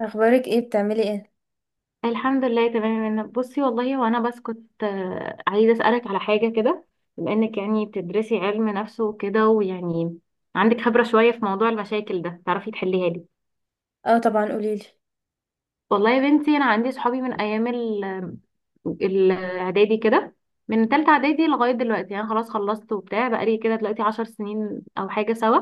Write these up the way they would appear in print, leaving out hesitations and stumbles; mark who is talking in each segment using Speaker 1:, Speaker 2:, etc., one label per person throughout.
Speaker 1: اخبارك ايه؟ بتعملي ايه؟
Speaker 2: الحمد لله تمام يا منى. بصي والله وانا بس كنت عايزه اسالك على حاجه كده، بما انك يعني بتدرسي علم نفس وكده ويعني عندك خبره شويه في موضوع المشاكل ده، تعرفي تحليها لي.
Speaker 1: اه، طبعا قوليلي.
Speaker 2: والله يا بنتي انا عندي صحابي من ايام الاعدادي كده، من تالتة اعدادي لغايه دلوقتي يعني، خلاص خلصت وبتاع، بقالي كده دلوقتي 10 سنين او حاجه سوا.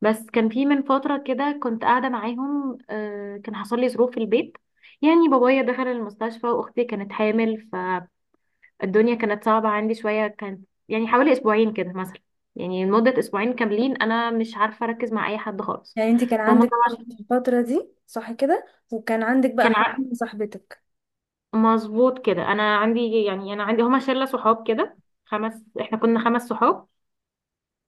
Speaker 2: بس كان في من فتره كده كنت قاعده معاهم كان حصل لي ظروف في البيت، يعني بابايا دخل المستشفى واختي كانت حامل. الدنيا كانت صعبة عندي شوية، كانت يعني حوالي أسبوعين كده مثلا. يعني لمدة أسبوعين كاملين أنا مش عارفة أركز مع أي حد خالص.
Speaker 1: يعني انت كان
Speaker 2: فهم
Speaker 1: عندك ضغط
Speaker 2: طبعا.
Speaker 1: في الفترة دي، صح كده؟ وكان عندك بقى
Speaker 2: كان
Speaker 1: حوار
Speaker 2: ع-
Speaker 1: من صاحبتك.
Speaker 2: مظبوط كده، أنا عندي هما شلة صحاب كده. إحنا كنا 5 صحاب،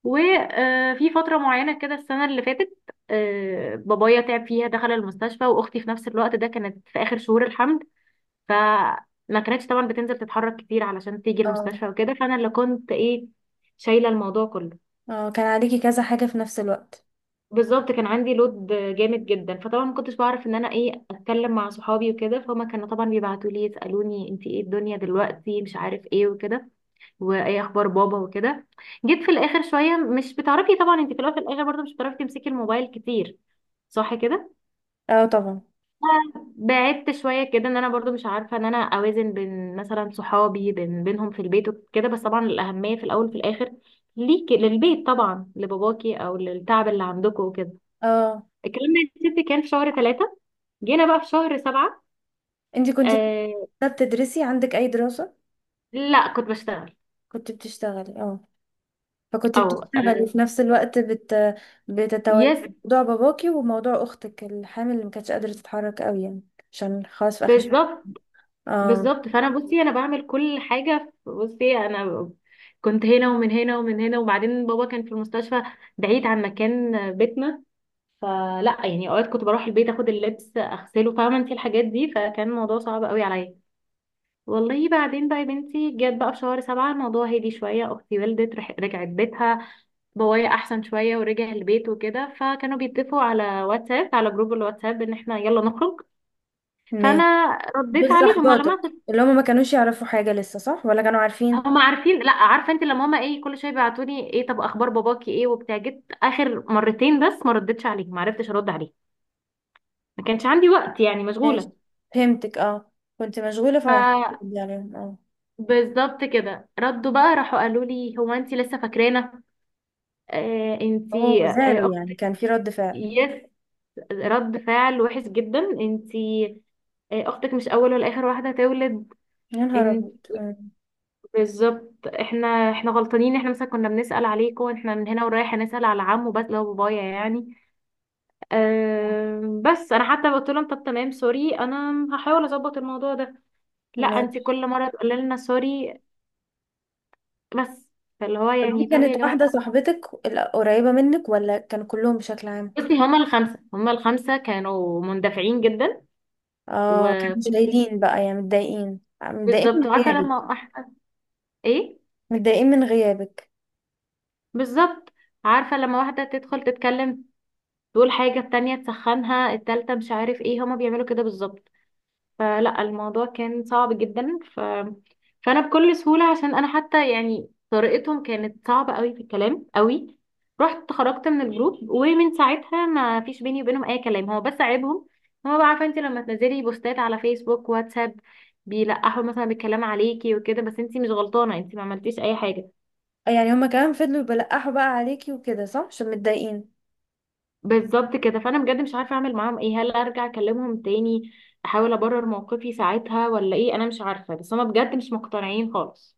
Speaker 2: وفي فترة معينة كده، السنة اللي فاتت بابايا تعب فيها، دخل المستشفى، وأختي في نفس الوقت ده كانت في آخر شهور الحمل، فما كانتش طبعا بتنزل تتحرك كتير علشان تيجي
Speaker 1: اه.
Speaker 2: المستشفى وكده، فأنا اللي كنت إيه شايلة الموضوع كله.
Speaker 1: اه، كان عليكي كذا حاجة في نفس الوقت.
Speaker 2: بالظبط، كان عندي لود جامد جدا، فطبعا ما كنتش بعرف ان انا ايه، اتكلم مع صحابي وكده، فهم كانوا طبعا بيبعتوا لي يسالوني انت ايه الدنيا دلوقتي مش عارف ايه وكده، وايه اخبار بابا وكده. جيت في الاخر شويه، مش بتعرفي طبعا انت في الاول في الاخر برضه مش بتعرفي تمسكي الموبايل كتير، صح كده.
Speaker 1: اه، طبعا.
Speaker 2: بعدت شويه كده، ان انا برضو مش عارفه ان انا اوازن بين مثلا صحابي بينهم في البيت وكده، بس طبعا الاهميه في الاول وفي الاخر ليكي للبيت طبعا، لباباكي او للتعب اللي عندكم وكده.
Speaker 1: اه،
Speaker 2: الكلام ده يا ستي كان في شهر 3، جينا بقى في شهر 7.
Speaker 1: انت كنت
Speaker 2: آه.
Speaker 1: بتدرسي؟ عندك اي دراسة؟
Speaker 2: لا كنت بشتغل.
Speaker 1: كنت بتشتغلي؟ اه. فكنت
Speaker 2: او. آه.
Speaker 1: بتشتغلي في نفس الوقت بتتولي
Speaker 2: يس.
Speaker 1: موضوع باباكي وموضوع اختك الحامل اللي ما كانتش قادرة تتحرك قوي يعني، عشان خلاص في اخر ش-.
Speaker 2: بالظبط.
Speaker 1: اه،
Speaker 2: بالظبط فانا، بصي انا بعمل كل حاجة، بصي انا كنت هنا ومن هنا ومن هنا، وبعدين بابا كان في المستشفى بعيد عن مكان بيتنا، فلا يعني اوقات كنت بروح البيت اخد اللبس اغسله، فاهمة انت الحاجات دي، فكان الموضوع صعب قوي عليا. والله بعدين بقى يا بنتي، جت بقى في شهر 7، الموضوع هدي شوية، أختي والدت رجعت بيتها، بابايا أحسن شوية ورجع البيت وكده، فكانوا بيتفقوا على واتساب، على جروب الواتساب، إن احنا يلا نخرج.
Speaker 1: ماشي.
Speaker 2: فأنا رديت
Speaker 1: دول
Speaker 2: عليهم على
Speaker 1: صاحباتك
Speaker 2: مثل
Speaker 1: اللي هم ما كانوش يعرفوا حاجة لسه، صح؟ ولا كانوا عارفين؟
Speaker 2: هما عارفين، لا عارفة انت لما هما ايه كل شوية بيبعتوني ايه طب أخبار باباكي ايه وبتاع، جيت آخر مرتين بس ما ردتش عليهم، ما عرفتش أرد عليهم، ما كانش عندي وقت يعني،
Speaker 1: ماشي.
Speaker 2: مشغولة.
Speaker 1: فهمتك، اه. كنت مشغولة، فما عرفتش
Speaker 2: ف
Speaker 1: ردي عليهم، اه.
Speaker 2: بالظبط كده، ردوا بقى، راحوا قالوا لي هو انت لسه فاكرانا؟ آه انت.
Speaker 1: اوه، زعلوا
Speaker 2: آه،
Speaker 1: يعني؟ كان في رد فعل؟
Speaker 2: يس، رد فعل وحش جدا. انتي، اختك مش اول ولا اخر واحده هتولد.
Speaker 1: يا نهار
Speaker 2: انت
Speaker 1: ابيض! أمم.
Speaker 2: بالظبط، احنا غلطانين، احنا مثلا كنا بنسال عليكم، احنا من هنا ورايح هنسال على عمو بس لو بابايا يعني.
Speaker 1: آه،
Speaker 2: بس انا حتى قلت لهم طب تمام سوري، انا هحاول اظبط الموضوع ده. لا انتي
Speaker 1: ماشي.
Speaker 2: كل مره تقولي لنا سوري بس، فاللي هو
Speaker 1: طب دي
Speaker 2: يعني طب يا
Speaker 1: كانت
Speaker 2: جماعه.
Speaker 1: واحدة صاحبتك القريبة منك، ولا كانوا كلهم بشكل عام؟
Speaker 2: بصي هما الخمسه كانوا مندفعين جدا.
Speaker 1: اه، كانوا مش
Speaker 2: وكل
Speaker 1: قايلين بقى يعني متضايقين
Speaker 2: بالظبط،
Speaker 1: من
Speaker 2: عارفه
Speaker 1: غيابك.
Speaker 2: لما احنا ايه،
Speaker 1: متضايقين من غيابك.
Speaker 2: بالظبط عارفة لما واحدة تدخل تتكلم تقول حاجة، التانية تسخنها، التالتة مش عارف ايه، هما بيعملوا كده بالظبط. فلا الموضوع كان صعب جدا فأنا بكل سهولة، عشان أنا حتى يعني طريقتهم كانت صعبة قوي في الكلام قوي، رحت خرجت من الجروب، ومن ساعتها ما فيش بيني وبينهم أي كلام. هو بس عيبهم، هو بقى عارفة انت لما تنزلي بوستات على فيسبوك واتساب بيلقحوا مثلا بالكلام عليكي وكده، بس انت مش غلطانة، انت ما عملتيش أي حاجة.
Speaker 1: يعني هما كمان فضلوا يبلقحوا بقى عليكي وكده، صح؟ عشان متضايقين.
Speaker 2: بالظبط كده، فانا بجد مش عارفه اعمل معاهم ايه، هل ارجع اكلمهم تاني احاول ابرر موقفي ساعتها ولا ايه، انا مش عارفه، بس هما بجد مش مقتنعين خالص.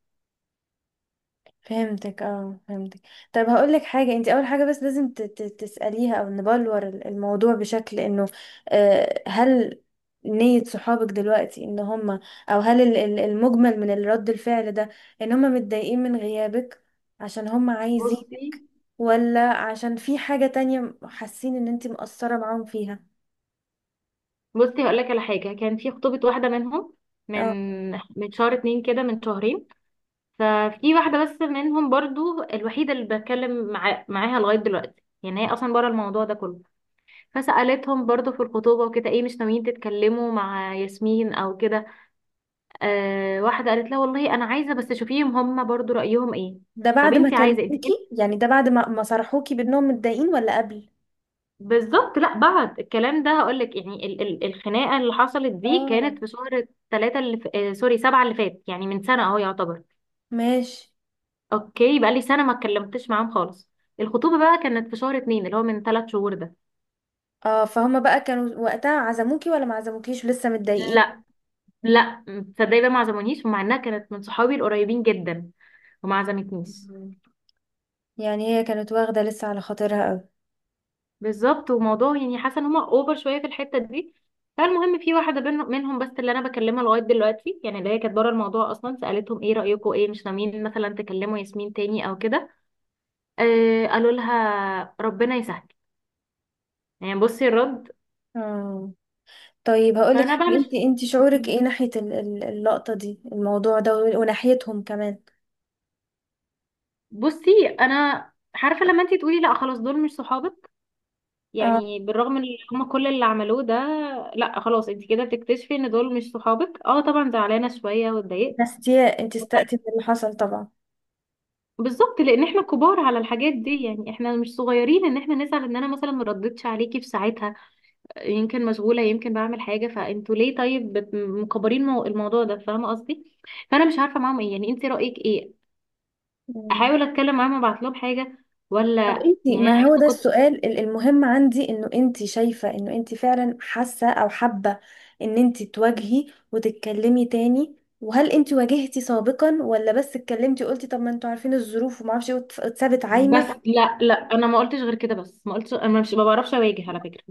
Speaker 1: فهمتك، اه، فهمتك. طب هقول لك حاجه، انت اول حاجه بس لازم تساليها، او نبلور الموضوع بشكل انه، هل نية صحابك دلوقتي ان هم، او هل المجمل من الرد الفعل ده ان هم متضايقين من غيابك عشان هم عايزين،
Speaker 2: بصي.
Speaker 1: ولا عشان في حاجه تانية حاسين ان انت مقصره معاهم فيها؟
Speaker 2: بصي هقول لك على حاجه، كان في خطوبه واحده منهم،
Speaker 1: اه،
Speaker 2: من من شهر 2 كده، من شهرين. ففي واحده بس منهم برضو، الوحيده اللي بتكلم معاها لغايه دلوقتي يعني، هي اصلا بره الموضوع ده كله. فسالتهم برضو في الخطوبه وكده، ايه مش ناويين تتكلموا مع ياسمين او كده؟ آه واحده قالت لها والله انا عايزه، بس شوفيهم هم برضو رايهم ايه.
Speaker 1: ده
Speaker 2: طب
Speaker 1: بعد ما
Speaker 2: انت عايزه
Speaker 1: كلموكي؟ يعني ده بعد ما صرحوكي بانهم متضايقين، ولا قبل؟
Speaker 2: بالظبط، لا بعد الكلام ده هقول لك يعني، ال ال الخناقه اللي حصلت دي
Speaker 1: اه،
Speaker 2: كانت في شهر 3 اللي ف... آه سوري، 7 اللي فات، يعني من سنه اهو يعتبر.
Speaker 1: ماشي.
Speaker 2: اوكي، بقى لي سنه ما اتكلمتش معاهم خالص. الخطوبه بقى كانت في شهر 2، اللي هو من 3 شهور ده.
Speaker 1: اه، فهم بقى كانوا وقتها عزموكي ولا ما عزموكيش ولسه متضايقين؟
Speaker 2: لا. لا. تصدقي بقى ما عزمونيش، ومع انها كانت من صحابي القريبين جدا، وما عزمتنيش.
Speaker 1: مم. يعني هي كانت واخدة لسه على خاطرها قوي.
Speaker 2: بالظبط، وموضوع يعني حاسه ان هم اوفر شويه في الحته دي. فالمهم في واحده منهم بس اللي انا بكلمها لغايه دلوقتي، يعني اللي هي كانت بره الموضوع اصلا، سالتهم ايه رايكم، ايه مش ناويين مثلا تكلموا ياسمين تاني او كده؟ آه قالوا لها ربنا يسهل. يعني بصي الرد.
Speaker 1: اه، طيب هقولك
Speaker 2: فانا
Speaker 1: حاجة،
Speaker 2: بقى مش
Speaker 1: انت شعورك ايه ناحية اللقطة دي، الموضوع ده، وناحيتهم كمان؟
Speaker 2: بصي. انا عارفه لما انتي تقولي لا خلاص دول مش صحابك،
Speaker 1: اه،
Speaker 2: يعني بالرغم ان هم كل اللي عملوه ده، لا خلاص انتي كده بتكتشفي ان دول مش صحابك. اه طبعا، زعلانه شويه واتضايقت.
Speaker 1: بس دي انت استقتي من اللي حصل طبعا.
Speaker 2: بالظبط، لان احنا كبار على الحاجات دي يعني، احنا مش صغيرين، ان احنا نزعل ان انا مثلا ما ردتش عليكي في ساعتها. يمكن مشغوله، يمكن بعمل حاجه، فانتوا ليه طيب مكبرين الموضوع ده، فاهمه قصدي. فانا مش عارفه معاهم ايه يعني، انت رايك ايه؟
Speaker 1: مم.
Speaker 2: احاول اتكلم معاهم، ابعت لهم حاجه، ولا؟
Speaker 1: طب انتي،
Speaker 2: يعني انا
Speaker 1: ما هو
Speaker 2: حتى
Speaker 1: ده
Speaker 2: كنت،
Speaker 1: السؤال المهم عندي، انه انتي شايفة انه انتي فعلا حاسة او حابة ان انتي تواجهي وتتكلمي تاني، وهل انتي واجهتي سابقا، ولا بس اتكلمتي وقلتي طب ما انتوا عارفين الظروف ومعرفش ايه، واتسابت
Speaker 2: بس
Speaker 1: عايمة؟
Speaker 2: لا لا انا ما قلتش غير كده، بس ما قلتش، انا مش، ما بعرفش اواجه على فكره،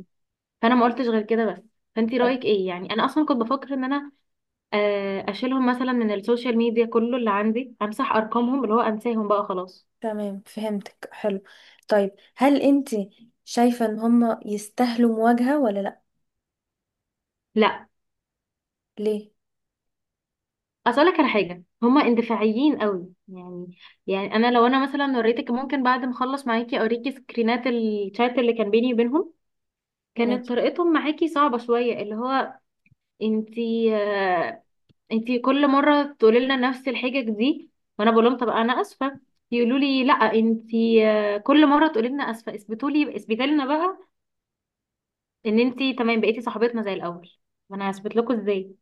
Speaker 2: فانا ما قلتش غير كده بس. فانت رايك ايه؟ يعني انا اصلا كنت بفكر ان انا اشيلهم مثلا من السوشيال ميديا، كله اللي عندي امسح ارقامهم، اللي هو انساهم بقى خلاص.
Speaker 1: تمام، فهمتك، حلو. طيب هل انتي شايفة ان هما يستاهلوا مواجهة ولا لا؟
Speaker 2: لا
Speaker 1: ليه؟
Speaker 2: اسالك على حاجه، هما اندفاعيين قوي يعني. يعني انا لو مثلا وريتك، ممكن بعد ما اخلص معاكي اوريكي سكرينات الشات اللي كان بيني وبينهم، كانت
Speaker 1: ماشي،
Speaker 2: طريقتهم معاكي صعبه شويه، اللي هو انتي آه، انتي كل مره تقولي لنا نفس الحجج دي، وانا بقول لهم طب انا اسفه، يقولوا لي لا انتي كل مره تقولي لنا اسفه، اثبتوا لي، اثبتي لنا بقى ان انتي تمام بقيتي صاحبتنا زي الاول. ما انا هثبت لكم ازاي؟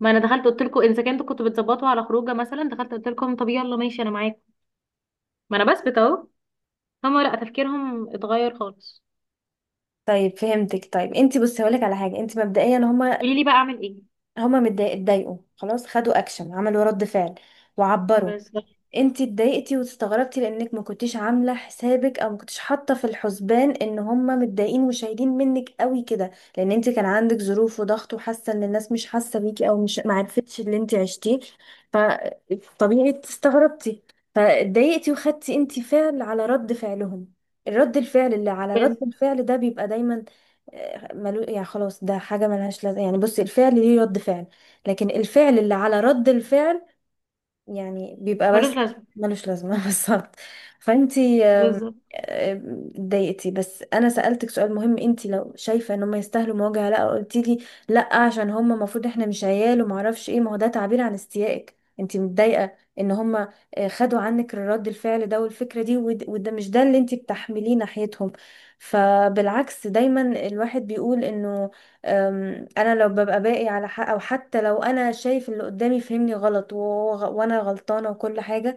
Speaker 2: ما انا دخلت قلت لكم اذا كنتوا بتظبطوا على خروجه مثلا، دخلت قلت لكم طب يلا ماشي انا معاكم، ما انا بثبت اهو. هما لا، تفكيرهم اتغير خالص.
Speaker 1: طيب فهمتك. طيب انتي بصي، هقولك على حاجة. انتي مبدئيا هما،
Speaker 2: قولي لي بقى اعمل ايه؟
Speaker 1: اتضايقوا خلاص، خدوا اكشن، عملوا رد فعل، وعبروا.
Speaker 2: بس.
Speaker 1: انتي اتضايقتي واستغربتي، لانك ما كنتيش عامله حسابك، او ما كنتيش حاطه في الحسبان ان هما متضايقين وشايلين منك قوي كده، لان انتي كان عندك ظروف وضغط، وحاسه ان الناس مش حاسه بيكي، او مش ما عرفتش اللي انتي عشتيه، فطبيعي استغربتي، فاتضايقتي، وخدتي انتي فعل على رد فعلهم. الرد الفعل اللي على رد
Speaker 2: بس
Speaker 1: الفعل ده بيبقى دايما، يعني خلاص، ده حاجه ملهاش لازمه. يعني بصي، الفعل ليه رد فعل، لكن الفعل اللي على رد الفعل يعني بيبقى
Speaker 2: ملوش
Speaker 1: بس
Speaker 2: لازمه.
Speaker 1: ملوش لازمة. بالظبط. فانتي، آم،
Speaker 2: بالظبط،
Speaker 1: آم، اتضايقتي. بس انا سألتك سؤال مهم، انتي لو شايفة ان هم يستاهلوا مواجهة، لا قلتي لي لا، عشان هم المفروض احنا مش عيال وما اعرفش ايه. ما هو ده تعبير عن استيائك، انتي متضايقة ان هم خدوا عنك رد الفعل ده والفكرة دي، وده مش ده اللي انتي بتحمليه ناحيتهم. فبالعكس دايما، الواحد بيقول انه، انا لو ببقى باقي على حق، او حتى لو انا شايف اللي قدامي فهمني غلط وانا غلطانه وكل حاجه،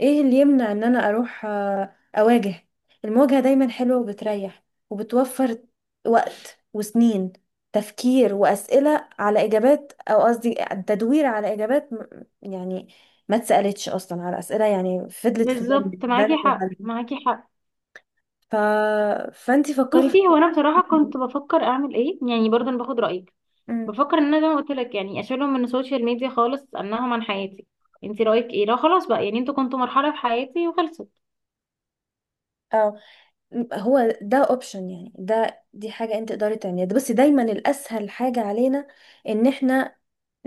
Speaker 1: ايه اللي يمنع ان انا اروح اواجه؟ المواجهه دايما حلوه وبتريح، وبتوفر وقت وسنين تفكير، واسئله على اجابات، او قصدي تدوير على اجابات، يعني، ما اتسالتش اصلا على اسئله يعني، فضلت في بالي
Speaker 2: بالظبط معاكي
Speaker 1: بالي
Speaker 2: حق،
Speaker 1: وبالي.
Speaker 2: معاكي حق.
Speaker 1: ف... فانتي فكري
Speaker 2: بصي
Speaker 1: في.
Speaker 2: هو انا بصراحه كنت بفكر اعمل ايه يعني، برضه انا باخد رايك،
Speaker 1: مم.
Speaker 2: بفكر ان انا زي ما قلت لك يعني اشيلهم من السوشيال ميديا خالص، انهم عن حياتي. انتي رايك ايه؟ لا خلاص بقى يعني، انتوا كنتوا مرحله في حياتي وخلصت.
Speaker 1: هو ده اوبشن، يعني دي حاجة انت تقدري تعمليها، بس دايما الاسهل حاجة علينا ان احنا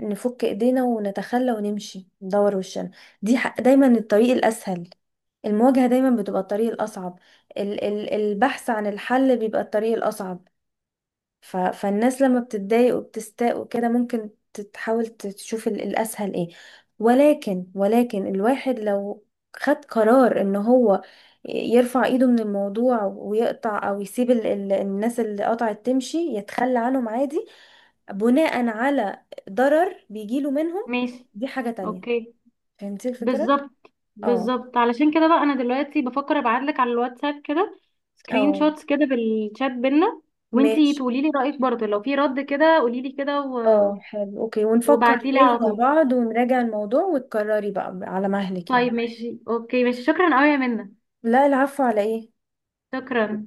Speaker 1: نفك ايدينا ونتخلى ونمشي ندور وشنا. دايما الطريق الاسهل. المواجهة دايما بتبقى الطريق الاصعب. ال ال البحث عن الحل بيبقى الطريق الاصعب. فالناس لما بتتضايق وبتستاء وكده، ممكن تحاول تشوف الأسهل ايه. ولكن، الواحد لو خد قرار ان هو يرفع ايده من الموضوع ويقطع، او يسيب الناس اللي قطعت تمشي، يتخلى عنهم عادي، بناء على ضرر بيجيله منهم،
Speaker 2: ماشي.
Speaker 1: دي حاجة تانية.
Speaker 2: اوكي.
Speaker 1: فهمتي الفكرة؟
Speaker 2: بالظبط،
Speaker 1: اه،
Speaker 2: بالظبط علشان كده بقى انا دلوقتي بفكر ابعتلك على الواتساب كده سكرين
Speaker 1: اه،
Speaker 2: شوتس كده بالشات بينا، وانتي
Speaker 1: ماشي.
Speaker 2: تقولي لي رايك برضه، لو في رد كده قولي لي كده
Speaker 1: اه حلو، اوكي، ونفكر
Speaker 2: وبعتيلي
Speaker 1: تاني
Speaker 2: على
Speaker 1: مع
Speaker 2: طول.
Speaker 1: بعض ونراجع الموضوع، وتكرري بقى على مهلك يعني.
Speaker 2: طيب ماشي اوكي ماشي، شكرا قوي يا منى.
Speaker 1: لا، العفو على ايه.
Speaker 2: شكرا.